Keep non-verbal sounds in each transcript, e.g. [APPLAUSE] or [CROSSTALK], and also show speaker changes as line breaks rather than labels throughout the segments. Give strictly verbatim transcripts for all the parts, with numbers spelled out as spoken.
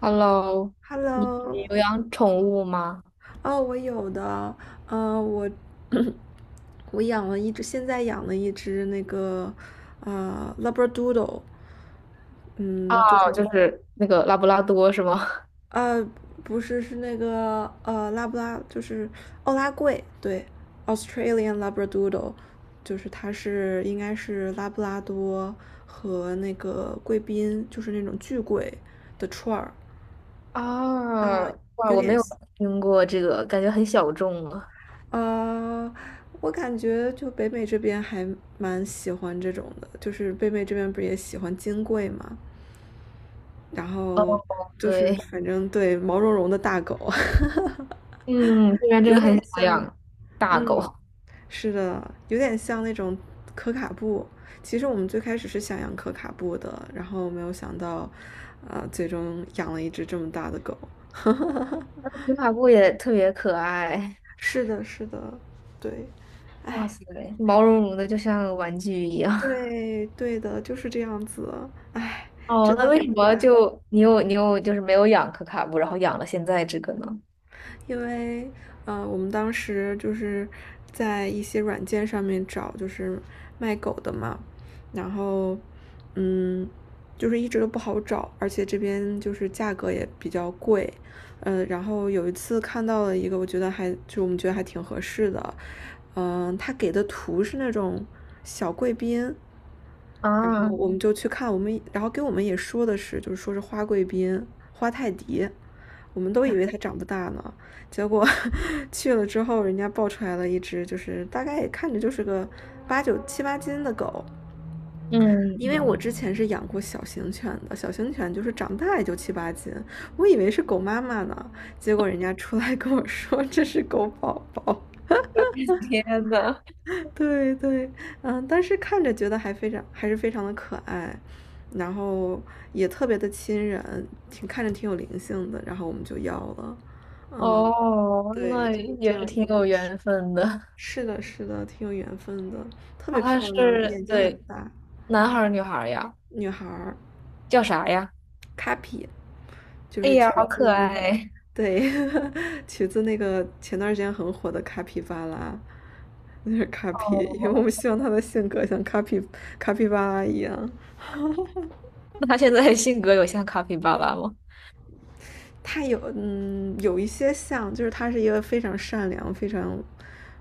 Hello,你
Hello。
有养宠物吗？
哦，我有的，呃，我 [CLEARS THROAT] 我养了一只，现在养了一只那个呃 Labradoodle。嗯，就
啊，就
是
是那个拉布拉多是吗？
呃不是，是那个呃拉布拉，就是奥拉贵，对，Australian Labradoodle。就是它是应该是拉布拉多和那个贵宾，就是那种巨贵的串儿
[LAUGHS]
啊，
啊，哇，
有
我没
点。
有听过这个，感觉很小众啊。
呃，我感觉就北美这边还蛮喜欢这种的，就是北美这边不是也喜欢金贵嘛，然后就是
对，
反正对毛茸茸的大狗，
嗯，这
[LAUGHS]
边真
有
的
点
很少
像。
养大
嗯，
狗，
是的，有点像那种可卡布。其实我们最开始是想养可卡布的，然后没有想到，呃，最终养了一只这么大的狗。
那可卡布也特别可爱。
是的，是的，对，
哇
哎。
塞，毛茸茸的，就像个玩具一样。[LAUGHS]
对，对的，就是这样子。唉，
哦，
真
那
的
为
很
什
可
么
爱。
就你有你有就是没有养可卡布，然后养了现在这个呢？
因为，呃，我们当时就是在一些软件上面找，就是卖狗的嘛。然后，嗯，就是一直都不好找，而且这边就是价格也比较贵。嗯，然后有一次看到了一个，我觉得还就我们觉得还挺合适的。嗯、他给的图是那种小贵宾，然后
啊，
我们就去看，我们然后跟我们也说的是，就是说是花贵宾、花泰迪，我们都以为它长不大呢，结果 [LAUGHS] 去了之后，人家抱出来了一只，就是大概也看着就是个八九七八斤的狗。
嗯
因为我
嗯，
之前是养过小型犬的，小型犬就是长大也就七八斤，我以为是狗妈妈呢，结果人家出来跟我说这是狗宝宝。
[LAUGHS] 天呐，
对对，嗯，但是看着觉得还非常还是非常的可爱，然后也特别的亲人，挺看着挺有灵性的，然后我们就要了。嗯，
哦，
对，
那
就是
也
这样
是
一
挺
个
有
故事。
缘分的。
是的，是的，挺有缘分的，特
哦，
别
他
漂亮，
是，
眼睛很
对，
大，
男孩儿女孩儿呀？
女孩儿
叫啥呀？
，Kapi,就
哎
是
呀，
取
好可
自那个，
爱！
对，[LAUGHS] 取自那个前段时间很火的卡皮巴拉，那是卡皮，因为我们
哦，
希望她的性格像卡皮卡皮巴拉一样。
那他现在性格有像卡皮巴拉吗？
它有嗯有一些像，就是它是一个非常善良、非常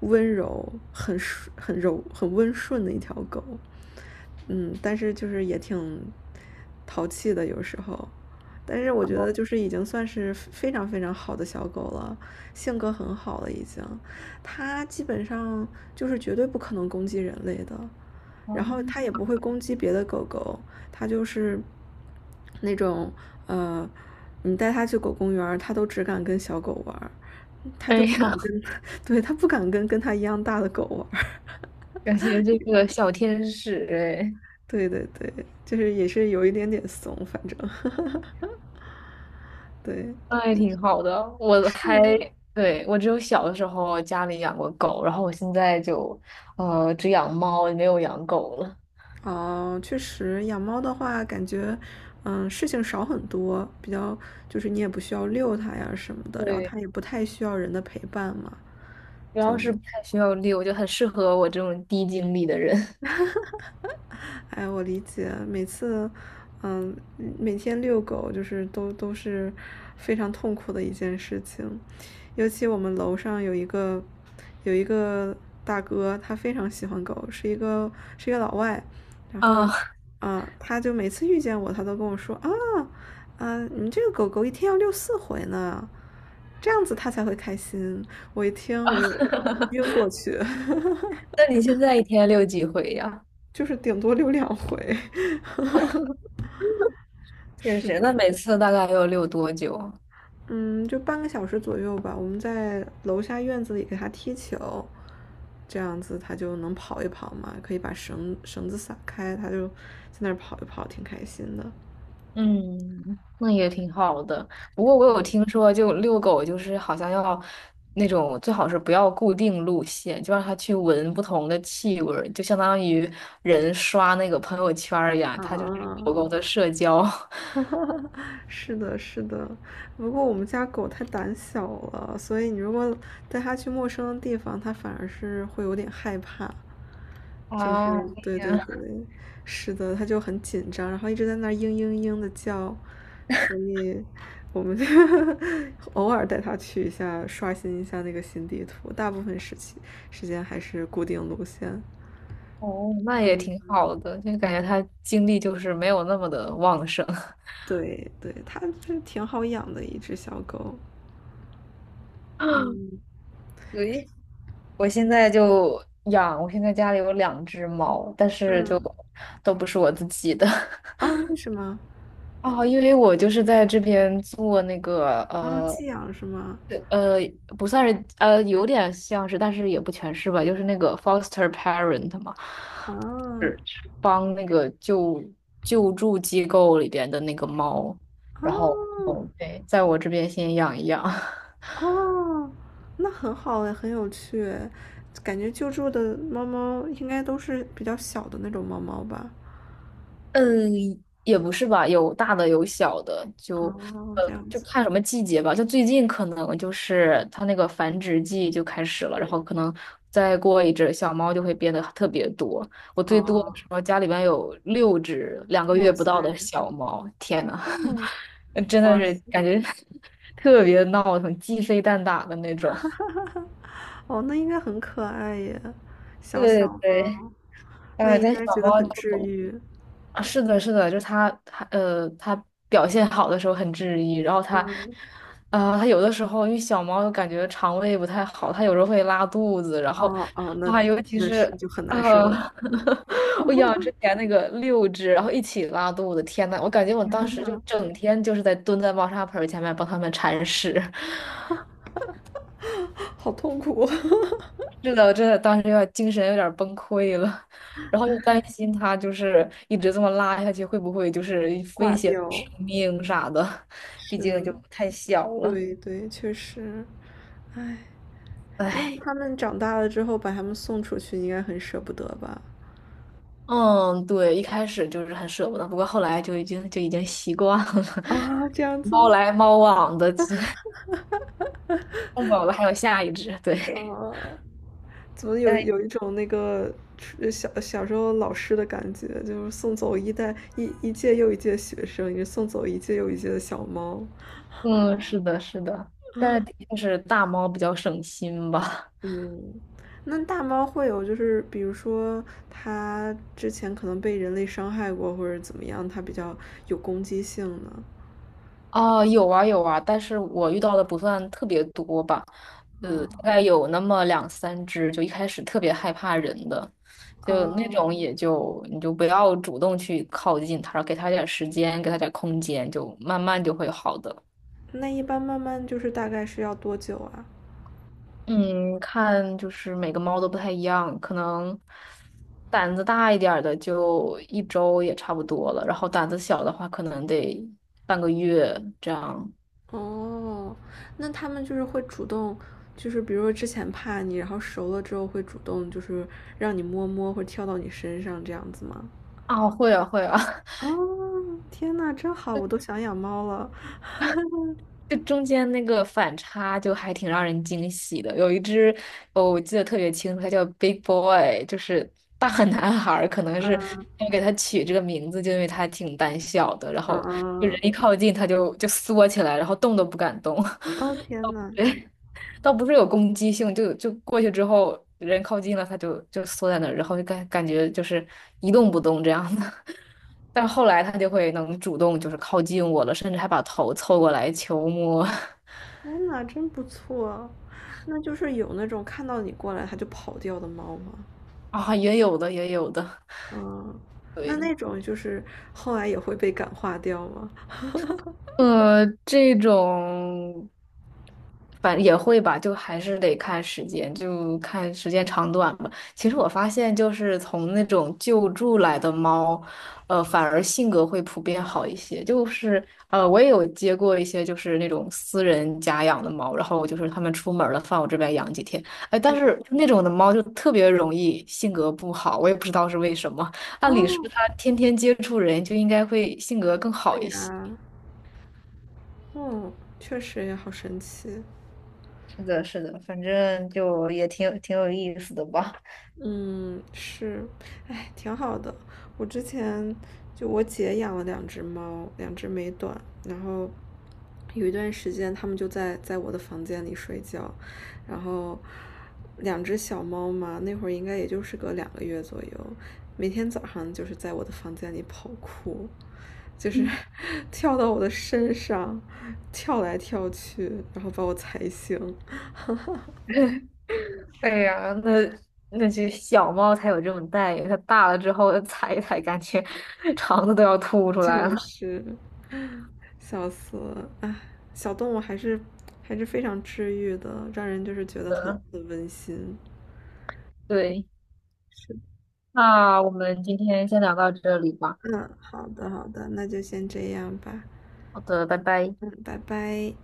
温柔、很很柔、很温顺的一条狗。嗯，但是就是也挺淘气的有时候，但是我觉得就是已经算是非常非常好的小狗了，性格很好了已经。它基本上就是绝对不可能攻击人类的，然后它
哦
也不会攻击别的狗狗。它就是那种呃你带它去狗公园儿，它都只敢跟小狗玩儿，它就
哎
不
呀，
敢跟，[LAUGHS] 对，它不敢跟跟它一样大的狗玩儿。[LAUGHS]
感觉这个小天使哎，
对对对，就是也是有一点点怂，反正 [LAUGHS] 对，
那也挺好的。我
是
还，
的。
对，我只有小的时候家里养过狗，然后我现在就，呃，只养猫，没有养狗了。
哦，确实，养猫的话，感觉嗯事情少很多，比较就是你也不需要遛它呀什么的，然后
对，
它也不太需要人的陪伴嘛，
主要
就
是不太需要遛，就很适合我这种低精力的人。
[LAUGHS] 哎，我理解。每次，嗯，每天遛狗就是都都是非常痛苦的一件事情，尤其我们楼上有一个有一个大哥，他非常喜欢狗，是一个是一个老外。然
啊
后，
啊，
啊，他就每次遇见我，他都跟我说啊，啊，你这个狗狗一天要遛四回呢，这样子他才会开心。我一听我就晕
[LAUGHS]
过去，
那你现在一天遛几回呀？
[LAUGHS] 就是顶多遛两回。[LAUGHS]
确
是
实，
的。
那每次大概要遛多久啊？
嗯，就半个小时左右吧。我们在楼下院子里给它踢球，这样子它就能跑一跑嘛，可以把绳绳子撒开，它就在那儿跑一跑，挺开心的。
嗯，那也挺好的。不过我有听说，就遛狗就是好像要那种最好是不要固定路线，就让它去闻不同的气味儿，就相当于人刷那个朋友圈儿一样，它就是
啊。
狗狗的社交。[LAUGHS]
[LAUGHS] 是的，是的。不过我们家狗太胆小了，所以你如果带它去陌生的地方，它反而是会有点害怕。就
啊
是对对
这
对，是的，它就很紧张，然后一直在那儿嘤嘤嘤的叫，所以我们就 [LAUGHS] 偶尔带它去一下，刷新一下那个新地图，大部分时期时间还是固定路线。
哦，那也
嗯，
挺好的，就感觉它精力就是没有那么的旺盛。[LAUGHS]
对对，它是挺好养的一只小狗。嗯
对，我现在就养，我现在家里有两只猫，但是就
嗯
都不是我自己的。
啊，
[LAUGHS]
为什么？
哦，因为我就是在这边做那个
啊，
呃
寄养是吗？
呃，不算是呃，有点像是，但是也不全是吧，就是那个 foster parent 嘛，
啊，
是是帮那个救救助机构里边的那个猫，然后
啊
对，在我这边先养一养。[LAUGHS]
啊！那很好哎，很有趣哎，感觉救助的猫猫应该都是比较小的那种猫猫吧？
嗯，也不是吧，有大的有小的，就
哦，
呃，
这样
就
子。
看什么季节吧。就最近可能就是它那个繁殖季就开始了，然后可能再过一阵小猫就会变得特别多。我最多的
哦，
时候家里边有六只两个月
哇
不
塞，
到的小猫，天呐，
嗯，
[LAUGHS] 真的
哇
是
塞。
感觉 [LAUGHS] 特别闹腾，鸡飞蛋打的那种。
哦，那应该很可爱耶，小
对对
小
对，
猫，那
哎，
应
但
该
小
觉得
猫
很
就
治愈。
啊，是的，是的，就是他，他呃，他表现好的时候很治愈，然后他，
嗯，
啊，他有的时候因为小猫感觉肠胃不太好，它有时候会拉肚子，然后，
哦哦，那
啊，尤其
那
是
是就很难
呃，
受了。
[LAUGHS] 我
[LAUGHS]
养之前那个六只，然后一起拉肚子，天呐，我感觉我
天
当时就
呐，
整天就是在蹲在猫砂盆儿前面帮它们铲屎。
好痛苦。[LAUGHS]
是的，我真的当时有点精神有点崩溃了，然后又担心它就是一直这么拉下去，会不会就是
挂
威胁
掉。
生命啥的？毕竟
是，
就太小了。
对对，确实。哎，那
唉，
他们长大了之后把他们送出去，应该很舍不得吧？
嗯，对，一开始就是很舍不得，不过后来就已经就已经习惯了，
啊，这
[LAUGHS]
样
猫
子。
来猫往的，[LAUGHS] 这弄走了还有下一只，对。
啊，怎么有
但是
有一种那个呃小小时候老师的感觉，就是送走一代一一届又一届学生，也送走一届又一届的小猫。
嗯，是的，是的，但是的确是大猫比较省心吧。
嗯，那大猫会有就是，比如说它之前可能被人类伤害过，或者怎么样，它比较有攻击性呢？
哦，有啊有啊，但是我遇到的不算特别多吧。呃，
哦
大概有那么两三只，就一开始特别害怕人的，就那
哦，
种也就你就不要主动去靠近它，给它点儿时间，给它点儿空间，就慢慢就会好的。
那一般慢慢就是大概是要多久啊？
嗯，看就是每个猫都不太一样，可能胆子大一点儿的就一周也差不多了，然后胆子小的话可能得半个月这样。
哦，那他们就是会主动，就是比如说之前怕你，然后熟了之后会主动就是让你摸摸或者跳到你身上这样子吗？
啊，会啊，会啊。
哦，天呐，真好，我都想养猫了。[LAUGHS]
这中间那个反差就还挺让人惊喜的。有一只，哦，我记得特别清楚，它叫 Big Boy,就是大男孩儿可能是
嗯
他给它取这个名字，就因为它挺胆小的，然
嗯
后就人
嗯，
一靠近它就就缩起来，然后动都不敢动。
哦
[LAUGHS]
天呐，
倒不是有攻击性，就就过去之后，人靠近了，它就就缩在那儿，然后就感感觉就是一动不动这样的。[LAUGHS] 但后来它就会能主动就是靠近我了，甚至还把头凑过来求摸。[LAUGHS]
天呐，真不错。那就是有那种看到你过来它就跑掉的猫吗？
啊，也有的，也有的，
嗯，那
对，
那种就是后来也会被感化掉吗？
呃，这种反也会吧，就还是得看时间，就看时间长短吧。其实我发现，就是从那种救助来的猫，呃，反而性格会普遍好一些。就是呃，我也有接过一些就是那种私人家养的猫，然后就是他们出门了，放我这边养几天。哎，但是那种的猫就特别容易性格不好，我也不知道是为什么。按理说
哦，
它天天接触人，就应该会性格更好
对
一些。
呀，嗯，确实也好神奇。
是的，是的，反正就也挺有挺有意思的吧。
嗯，是，哎，挺好的。我之前就我姐养了两只猫，两只美短，然后有一段时间它们就在在我的房间里睡觉，然后两只小猫嘛，那会儿应该也就是个两个月左右，每天早上就是在我的房间里跑酷，就是 [LAUGHS] 跳到我的身上，跳来跳去，然后把我踩醒。[LAUGHS]
哎呀，那那些小猫才有这种待遇，它大了之后踩一踩，感觉 [LAUGHS] 肠子都要吐出来
就
了。
是。笑死了！哎，小动物还是还是非常治愈的，让人就是觉得很很温馨。
对，
是，
那我们今天先聊到这里吧。
嗯，好的好的，那就先这样吧。
好的，拜拜。
嗯，拜拜。